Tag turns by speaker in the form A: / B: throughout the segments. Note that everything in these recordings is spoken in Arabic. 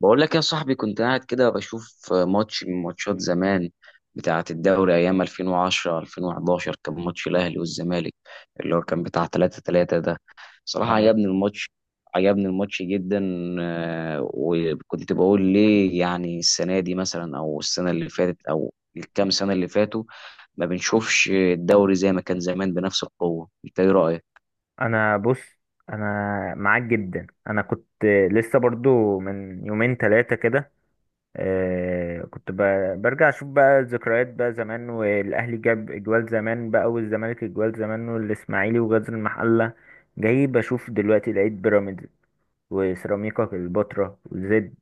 A: بقول لك يا صاحبي، كنت قاعد كده بشوف ماتش من ماتشات زمان بتاعة الدوري أيام 2010 2011. كان ماتش الأهلي والزمالك اللي هو كان بتاع 3-3 ده. صراحة
B: اه،
A: عجبني الماتش جدا. وكنت بقول ليه يعني السنة دي مثلا أو السنة اللي فاتت أو الكام سنة اللي فاتوا ما بنشوفش الدوري زي ما كان زمان بنفس القوة؟ أنت إيه رأيك؟
B: انا بص انا معاك جدا. انا كنت لسه برضو من يومين ثلاثه كده. كنت برجع اشوف بقى الذكريات بقى زمان، والاهلي جاب اجوال زمان بقى، والزمالك اجوال زمان، والاسماعيلي وغزل المحله. جاي بشوف دلوقتي لقيت بيراميدز وسيراميكا كليوباترا وزد.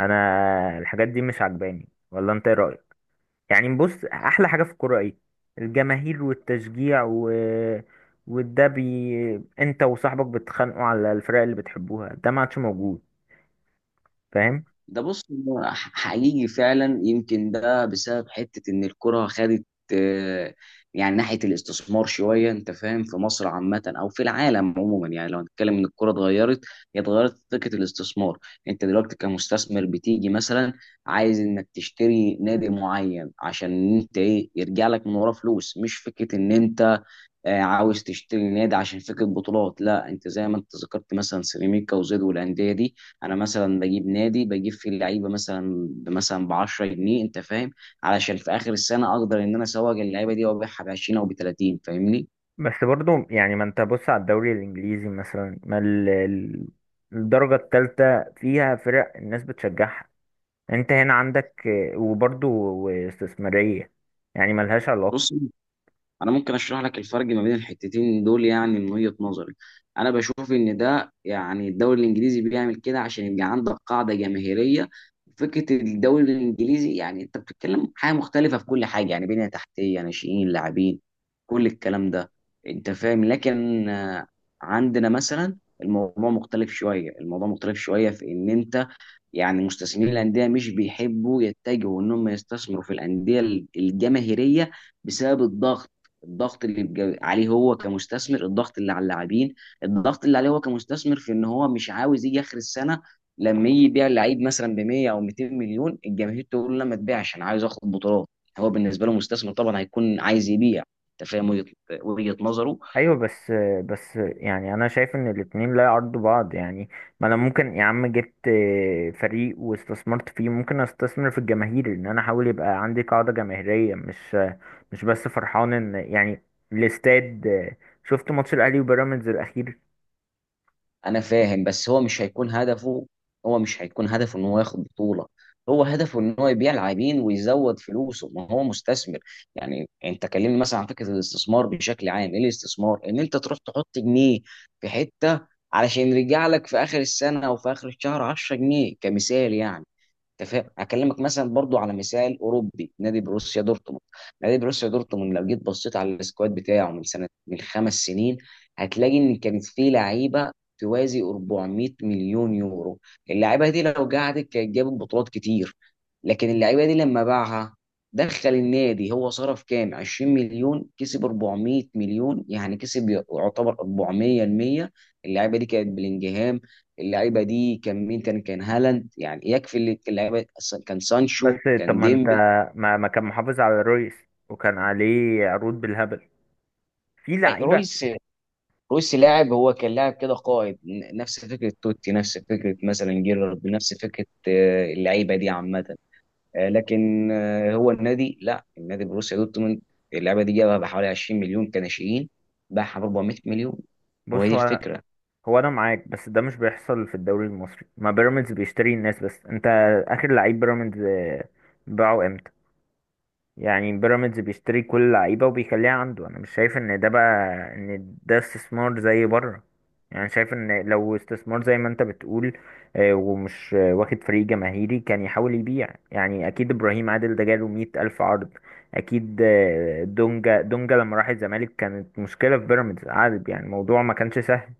B: انا الحاجات دي مش عجباني، ولا انت ايه رايك؟ يعني بص، احلى حاجه في الكوره ايه؟ الجماهير والتشجيع انت وصاحبك بتتخانقوا على الفرق اللي بتحبوها، ده ما عادش موجود، فاهم؟
A: ده بص، هو حقيقي فعلا، يمكن ده بسبب حتة ان الكرة خدت آه، يعني ناحية الاستثمار شوية. انت فاهم؟ في مصر عامة او في العالم عموما، يعني لو هنتكلم ان الكرة اتغيرت. هي اتغيرت في فكرة الاستثمار. انت دلوقتي كمستثمر بتيجي مثلا عايز انك تشتري نادي معين عشان انت ايه يرجع لك من وراه فلوس، مش فكرة ان انت عاوز تشتري نادي عشان فكره بطولات. لا، انت زي ما انت ذكرت مثلا سيراميكا وزد والانديه دي. انا مثلا بجيب نادي، بجيب فيه اللعيبه مثلا ب 10 جنيه. انت فاهم؟ علشان في اخر السنه اقدر ان انا اسوق اللعيبه دي وابيعها ب 20 او ب 30. فاهمني؟
B: بس برضو يعني، ما انت بص على الدوري الانجليزي مثلا، ما الدرجه الثالثه فيها فرق الناس بتشجعها. انت هنا عندك وبرضو استثماريه، يعني ملهاش علاقه.
A: بص، انا ممكن اشرح لك الفرق ما بين الحتتين دول يعني من وجهة نظري. انا بشوف ان ده، يعني الدوري الانجليزي بيعمل كده عشان يبقى عندك قاعدة جماهيرية. فكرة الدوري الانجليزي يعني انت بتتكلم حاجة مختلفة في كل حاجة، يعني بنية تحتية، ناشئين، لاعبين، كل الكلام ده. انت فاهم؟ لكن عندنا مثلا الموضوع مختلف شوية. في ان، يعني مستثمرين الانديه مش بيحبوا يتجهوا ان هم يستثمروا في الانديه الجماهيريه بسبب الضغط. الضغط اللي بيبقى عليه هو كمستثمر، الضغط اللي على اللاعبين، الضغط اللي عليه هو كمستثمر في ان هو مش عاوز يجي اخر السنه. لما يجي يبيع لعيب مثلا ب 100 او 200 مليون، الجماهير تقول له لا ما تبيعش، انا عايز اخد بطولات. هو بالنسبه له مستثمر، طبعا هيكون عايز يبيع. انت فاهم وجهة نظره.
B: ايوه، بس يعني انا شايف ان الاتنين لا يعرضوا بعض يعني. ما انا ممكن يا عم جبت فريق واستثمرت فيه، ممكن استثمر في الجماهير، ان انا احاول يبقى عندي قاعدة جماهيرية. مش بس فرحان ان يعني الاستاد. شفت ماتش الاهلي وبيراميدز الاخير؟
A: انا فاهم، بس هو مش هيكون هدفه ان هو ياخد بطولة. هو هدفه ان هو يبيع لاعبين ويزود فلوسه، ما هو مستثمر. يعني انت كلمني مثلا عن فكرة الاستثمار بشكل عام. ايه الاستثمار؟ ان انت تروح تحط جنيه في حتة علشان يرجع لك في اخر السنة او في اخر الشهر 10 جنيه كمثال يعني. انت فاهم؟ اكلمك مثلا برضو على مثال اوروبي، نادي بروسيا دورتموند. لو جيت بصيت على السكواد بتاعه من سنه، من خمس سنين، هتلاقي ان كانت فيه لعيبه توازي 400 مليون يورو. اللعيبه دي لو قعدت كانت جابت بطولات كتير، لكن اللعيبه دي لما باعها دخل النادي، هو صرف كام؟ 20 مليون. كسب 400 مليون. يعني كسب يعتبر 400% المية. اللعيبه دي كانت بلينجهام، اللعيبه دي كان مين تاني؟ كان هالاند. يعني يكفي اللي اللعيبه، أصلاً كان
B: بس
A: سانشو،
B: طب
A: كان
B: ما انت،
A: ديمبل،
B: ما كان محافظ على رويس، وكان عليه عروض بالهبل في لعيبة.
A: رويس. رويس لاعب، هو كان لاعب كده قائد، نفس فكره توتي، نفس فكره مثلا جيرارد، نفس فكره، اللعيبه دي عامه. آه، لكن آه، هو النادي، لا، النادي بروسيا دورتموند اللعيبه دي جابها بحوالي 20 مليون كناشئين، باعها ب 400 مليون. هو
B: بص،
A: دي
B: هو
A: الفكره.
B: هو انا معاك، بس ده مش بيحصل في الدوري المصري. ما بيراميدز بيشتري الناس، بس انت، اخر لعيب بيراميدز باعه امتى؟ يعني بيراميدز بيشتري كل اللعيبه وبيخليها عنده. انا مش شايف ان ده بقى ان ده استثمار زي بره. يعني شايف ان لو استثمار زي ما انت بتقول، آه، ومش آه، واخد فريق جماهيري، كان يحاول يبيع. يعني اكيد ابراهيم عادل ده جاله مية الف عرض. اكيد دونجا دونجا لما راح الزمالك كانت مشكله في بيراميدز عادل. يعني الموضوع ما كانش سهل،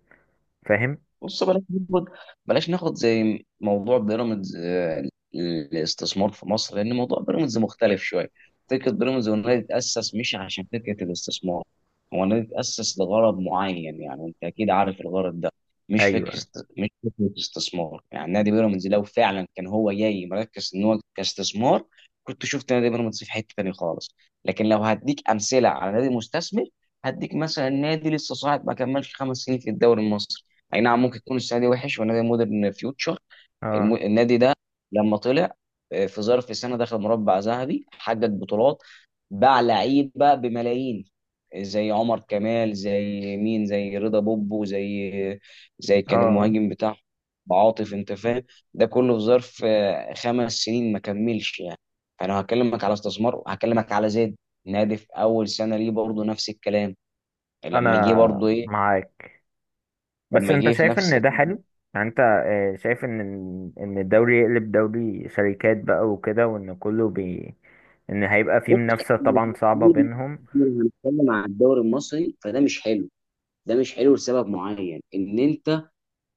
B: فاهم؟
A: بص، بلاش ناخد زي موضوع بيراميدز، الاستثمار في مصر، لان موضوع بيراميدز مختلف شويه. فكره بيراميدز، هو النادي اتاسس مش عشان فكره الاستثمار. هو النادي اتاسس لغرض معين، يعني انت اكيد عارف الغرض ده. مش
B: ايوه.
A: فكره مش فكره استثمار. يعني نادي بيراميدز لو فعلا كان هو جاي مركز ان هو كاستثمار، كنت شفت نادي بيراميدز في حته تانيه خالص. لكن لو هديك امثله على نادي مستثمر، هديك مثلا نادي لسه صاعد ما كملش خمس سنين في الدوري المصري. اي نعم، ممكن يكون السنه دي وحش، ونادي مودرن فيوتشر،
B: اه.
A: النادي ده لما طلع، في ظرف سنه دخل مربع ذهبي، حقق بطولات، باع لعيبه بملايين. زي عمر كمال، زي مين، زي رضا بوبو، زي كان
B: اه.
A: المهاجم بتاعه عاطف. انت فاهم؟ ده كله في ظرف خمس سنين ما كملش يعني. انا هكلمك على استثمار، هكلمك على زيد، نادي في اول سنه ليه برضه نفس الكلام. لما جه
B: انا
A: برضه ايه؟
B: معاك، بس
A: لما
B: انت
A: جه في
B: شايف
A: نفس.
B: ان ده حلو؟ يعني انت شايف ان الدوري يقلب دوري شركات بقى وكده، وان كله بي ان هيبقى فيه
A: بص
B: منافسة طبعا صعبة بينهم؟
A: احنا لو هنتكلم عن الدوري المصري فده مش حلو. لسبب معين ان انت،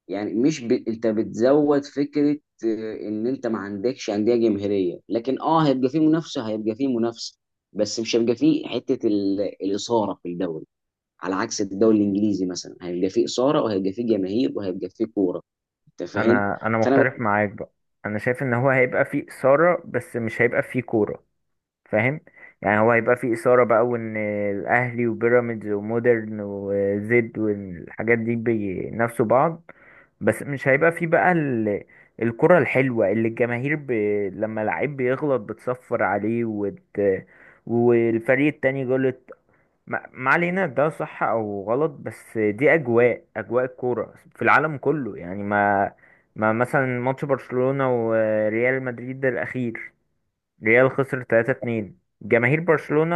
A: يعني مش ب... انت بتزود فكره، ان انت ما عندكش انديه جماهيريه، لكن اه هيبقى فيه منافسه، بس مش هيبقى فيه حته الاثاره في الدوري. على عكس الدوري الانجليزي مثلا، هيبقى فيه اثاره وهيبقى فيه جماهير وهيبقى فيه كوره. انت فاهم؟
B: انا
A: فانا.
B: مختلف معاك بقى. انا شايف ان هو هيبقى فيه إثارة، بس مش هيبقى فيه كورة، فاهم؟ يعني هو هيبقى فيه إثارة بقى، وإن الأهلي وبيراميدز ومودرن وزد والحاجات دي بينافسوا بعض. بس مش هيبقى فيه بقى الكرة الحلوة اللي الجماهير لما لعيب بيغلط بتصفر عليه والفريق التاني غلط. ما علينا ده صح أو غلط، بس دي أجواء الكورة في العالم كله يعني، ما مثلا ماتش برشلونة وريال مدريد الأخير، ريال خسر 3-2، جماهير برشلونة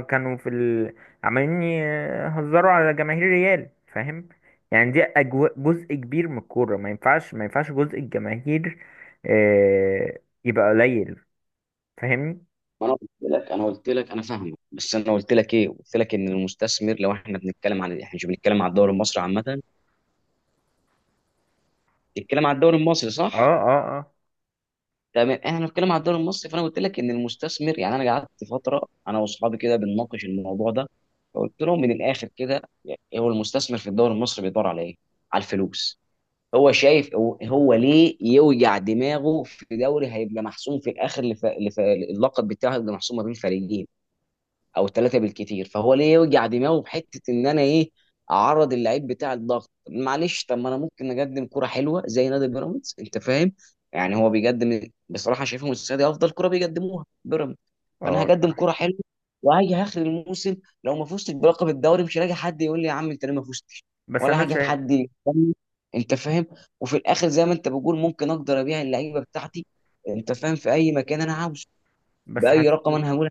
B: كانوا في عمالين يهزروا على جماهير ريال، فاهم؟ يعني دي جزء كبير من الكورة. ما ينفعش، ما ينفعش جزء الجماهير آه... يبقى قليل، فاهمني؟
A: ما انا قلت لك انا فاهمه، بس انا قلت لك ايه، قلت لك ان المستثمر، لو احنا بنتكلم عن، احنا مش بنتكلم على الدوري المصري عامه، بنتكلم على الدوري المصري،
B: اه،
A: صح؟
B: اه، اه،
A: تمام. احنا بنتكلم على الدوري المصري، فانا قلت لك ان المستثمر يعني. انا قعدت فتره انا واصحابي كده بنناقش الموضوع ده. فقلت لهم من الاخر كده يعني، هو المستثمر في الدوري المصري بيدور على ايه؟ على الفلوس. هو شايف، هو ليه يوجع دماغه في دوري هيبقى محسوم في الاخر. اللقب بتاعه هيبقى محسوم ما بين فريقين او ثلاثه بالكتير. فهو ليه يوجع دماغه بحته ان انا ايه اعرض اللعيب بتاع الضغط؟ معلش، طب ما انا ممكن اقدم كره حلوه زي نادي بيراميدز. انت فاهم؟ يعني هو بيقدم، بصراحه شايفهم السنه دي افضل كره بيقدموها بيراميدز. فانا
B: اه
A: هقدم
B: الصراحة.
A: كره حلوه وهاجي اخر الموسم، لو ما فزتش بلقب الدوري مش هلاقي حد يقول لي يا عم انت ليه ما فزتش،
B: بس
A: ولا
B: انا
A: هاجي
B: شايف،
A: حد يتكلم، انت فاهم؟ وفي الاخر زي ما انت بتقول، ممكن اقدر ابيع اللعيبه بتاعتي، انت فاهم، في اي مكان انا عاوزه،
B: بس
A: باي
B: حاسس،
A: رقم انا هقول.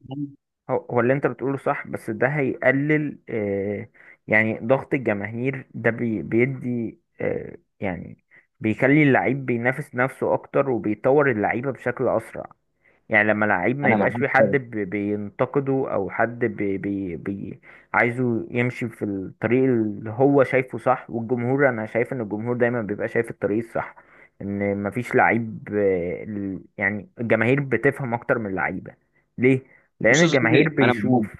B: هو اللي انت بتقوله صح، بس ده هيقلل يعني ضغط الجماهير ده بيدي يعني بيخلي اللعيب بينافس نفسه اكتر، وبيطور اللعيبة بشكل اسرع. يعني لما لعيب ما
A: انا
B: يبقاش في حد
A: معاك.
B: بينتقده، او حد بي بي بي عايزه يمشي في الطريق اللي هو شايفه صح. والجمهور، انا شايف ان الجمهور دايما بيبقى شايف الطريق الصح. ان مفيش لعيب يعني الجماهير بتفهم اكتر من اللعيبه. ليه؟ لان
A: بص يا صديقي
B: الجماهير بيشوف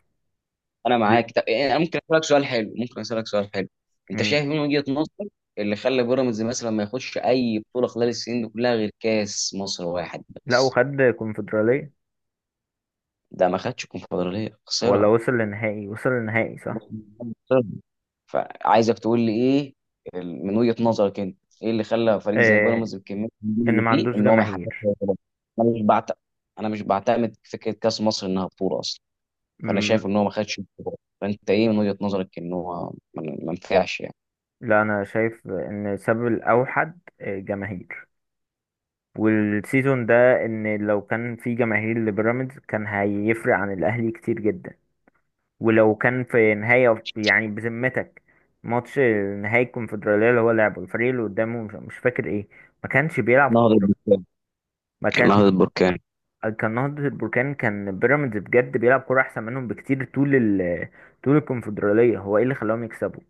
A: انا
B: ال-
A: معاك. طب انا ممكن اسالك سؤال حلو، انت
B: مم.
A: شايف إيه من وجهة نظرك اللي خلى بيراميدز مثلا ما ياخدش اي بطولة خلال السنين دي كلها غير كاس مصر واحد
B: لا،
A: بس؟
B: وخد كونفدراليه،
A: ده ما خدش كونفدرالية،
B: ولا
A: خسرها.
B: وصل لنهائي، وصل لنهائي صح.
A: خسرها. فعايزك تقول لي ايه، من وجهة نظرك انت، ايه اللي خلى فريق زي
B: آه،
A: بيراميدز بكمية النجوم
B: ان
A: اللي
B: ما
A: فيه
B: عندوش
A: ان هو ما يحققش
B: جماهير.
A: أي بطولة؟ انا مش بعت... انا مش بعتمد فكرة كاس مصر انها بطولة اصلا. فانا
B: مم.
A: شايف ان هو ما خدش البطولة. فانت ايه من وجهة نظرك ان هو ما نفعش يعني؟
B: لا، انا شايف ان السبب الاوحد جماهير، والسيزون ده. ان لو كان في جماهير لبيراميدز كان هيفرق عن الاهلي كتير جدا. ولو كان في نهاية، يعني بذمتك، ماتش نهائي الكونفدرالية اللي هو لعبه، الفريق اللي قدامه مش فاكر ايه، ما كانش بيلعب
A: نهضة
B: كورة.
A: بركان
B: ما كان
A: نهضة بركان.
B: كان نهضة البركان، كان بيراميدز بجد بيلعب كورة احسن منهم بكتير. طول طول الكونفدرالية، هو ايه اللي خلاهم يكسبوا؟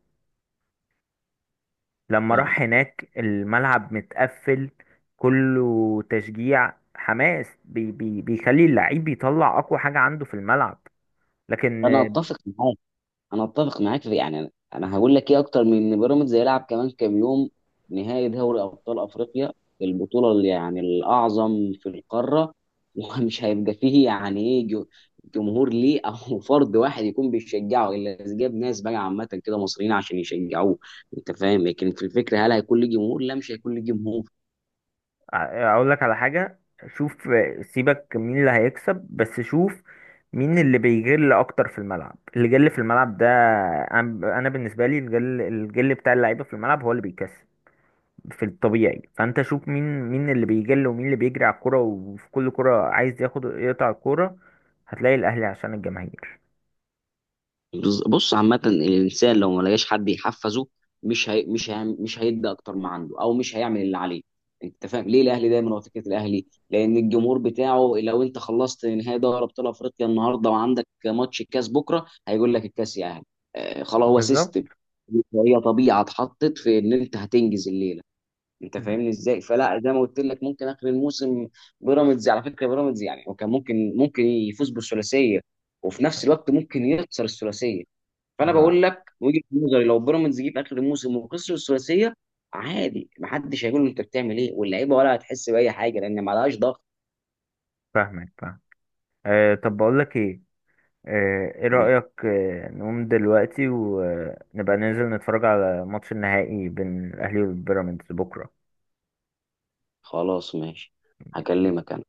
B: لما
A: نعم.
B: راح هناك الملعب متقفل، كله تشجيع حماس بي بي بيخلي اللعيب يطلع اقوى حاجة عنده في الملعب. لكن
A: انا اتفق معاك انا اتفق معاك في، يعني انا هقول لك ايه، اكتر من ان بيراميدز هيلعب كمان كام يوم نهائي دوري ابطال افريقيا، البطوله اللي يعني الاعظم في القاره، ومش هيبقى فيه يعني ايه جمهور ليه، او فرد واحد يكون بيشجعه، الا اذا جاب ناس بقى عامه كده مصريين عشان يشجعوه. انت فاهم؟ لكن في الفكره، هل هيكون ليه جمهور؟ لا، مش هيكون ليه جمهور.
B: اقول لك على حاجة، شوف سيبك مين اللي هيكسب، بس شوف مين اللي بيجل اكتر في الملعب، اللي جل في الملعب ده. أنا بالنسبة لي، الجل بتاع اللعيبة في الملعب هو اللي بيكسب في الطبيعي. فانت شوف مين اللي بيجل، ومين اللي بيجري على الكوره، وفي كل كوره عايز ياخد يقطع الكوره. هتلاقي الاهلي عشان الجماهير.
A: بص عامة، الإنسان لو ما لقاش حد يحفزه، مش هيدي أكتر ما عنده أو مش هيعمل اللي عليه. أنت فاهم ليه الأهلي دايما؟ هو فكرة الأهلي، لأن الجمهور بتاعه، لو أنت خلصت نهائي دوري أبطال أفريقيا النهاردة وعندك ماتش الكاس بكرة هيقول لك الكاس يا أهلي. آه خلاص، هو
B: بالظبط.
A: سيستم، هي طبيعة اتحطت في إن أنت هتنجز الليلة. أنت
B: ب-
A: فاهمني إزاي؟ فلا، زي ما قلت لك ممكن آخر الموسم بيراميدز، على فكرة بيراميدز يعني، وكان ممكن يفوز بالثلاثية، وفي نفس الوقت ممكن يخسر الثلاثية. فانا
B: ب-
A: بقول لك وجهه نظري، لو بيراميدز جه في اخر الموسم وخسر الثلاثيه عادي، محدش هيقول له انت بتعمل ايه، واللعيبه ولا هتحس باي حاجه لان ما لهاش ضغط.
B: فاهمك، فاهم. طب بقول لك ايه، ايه
A: مم.
B: رأيك؟ نقوم دلوقتي ونبقى ننزل نتفرج على ماتش النهائي بين الاهلي والبيراميدز بكره؟
A: خلاص، ماشي، هكلمك انا.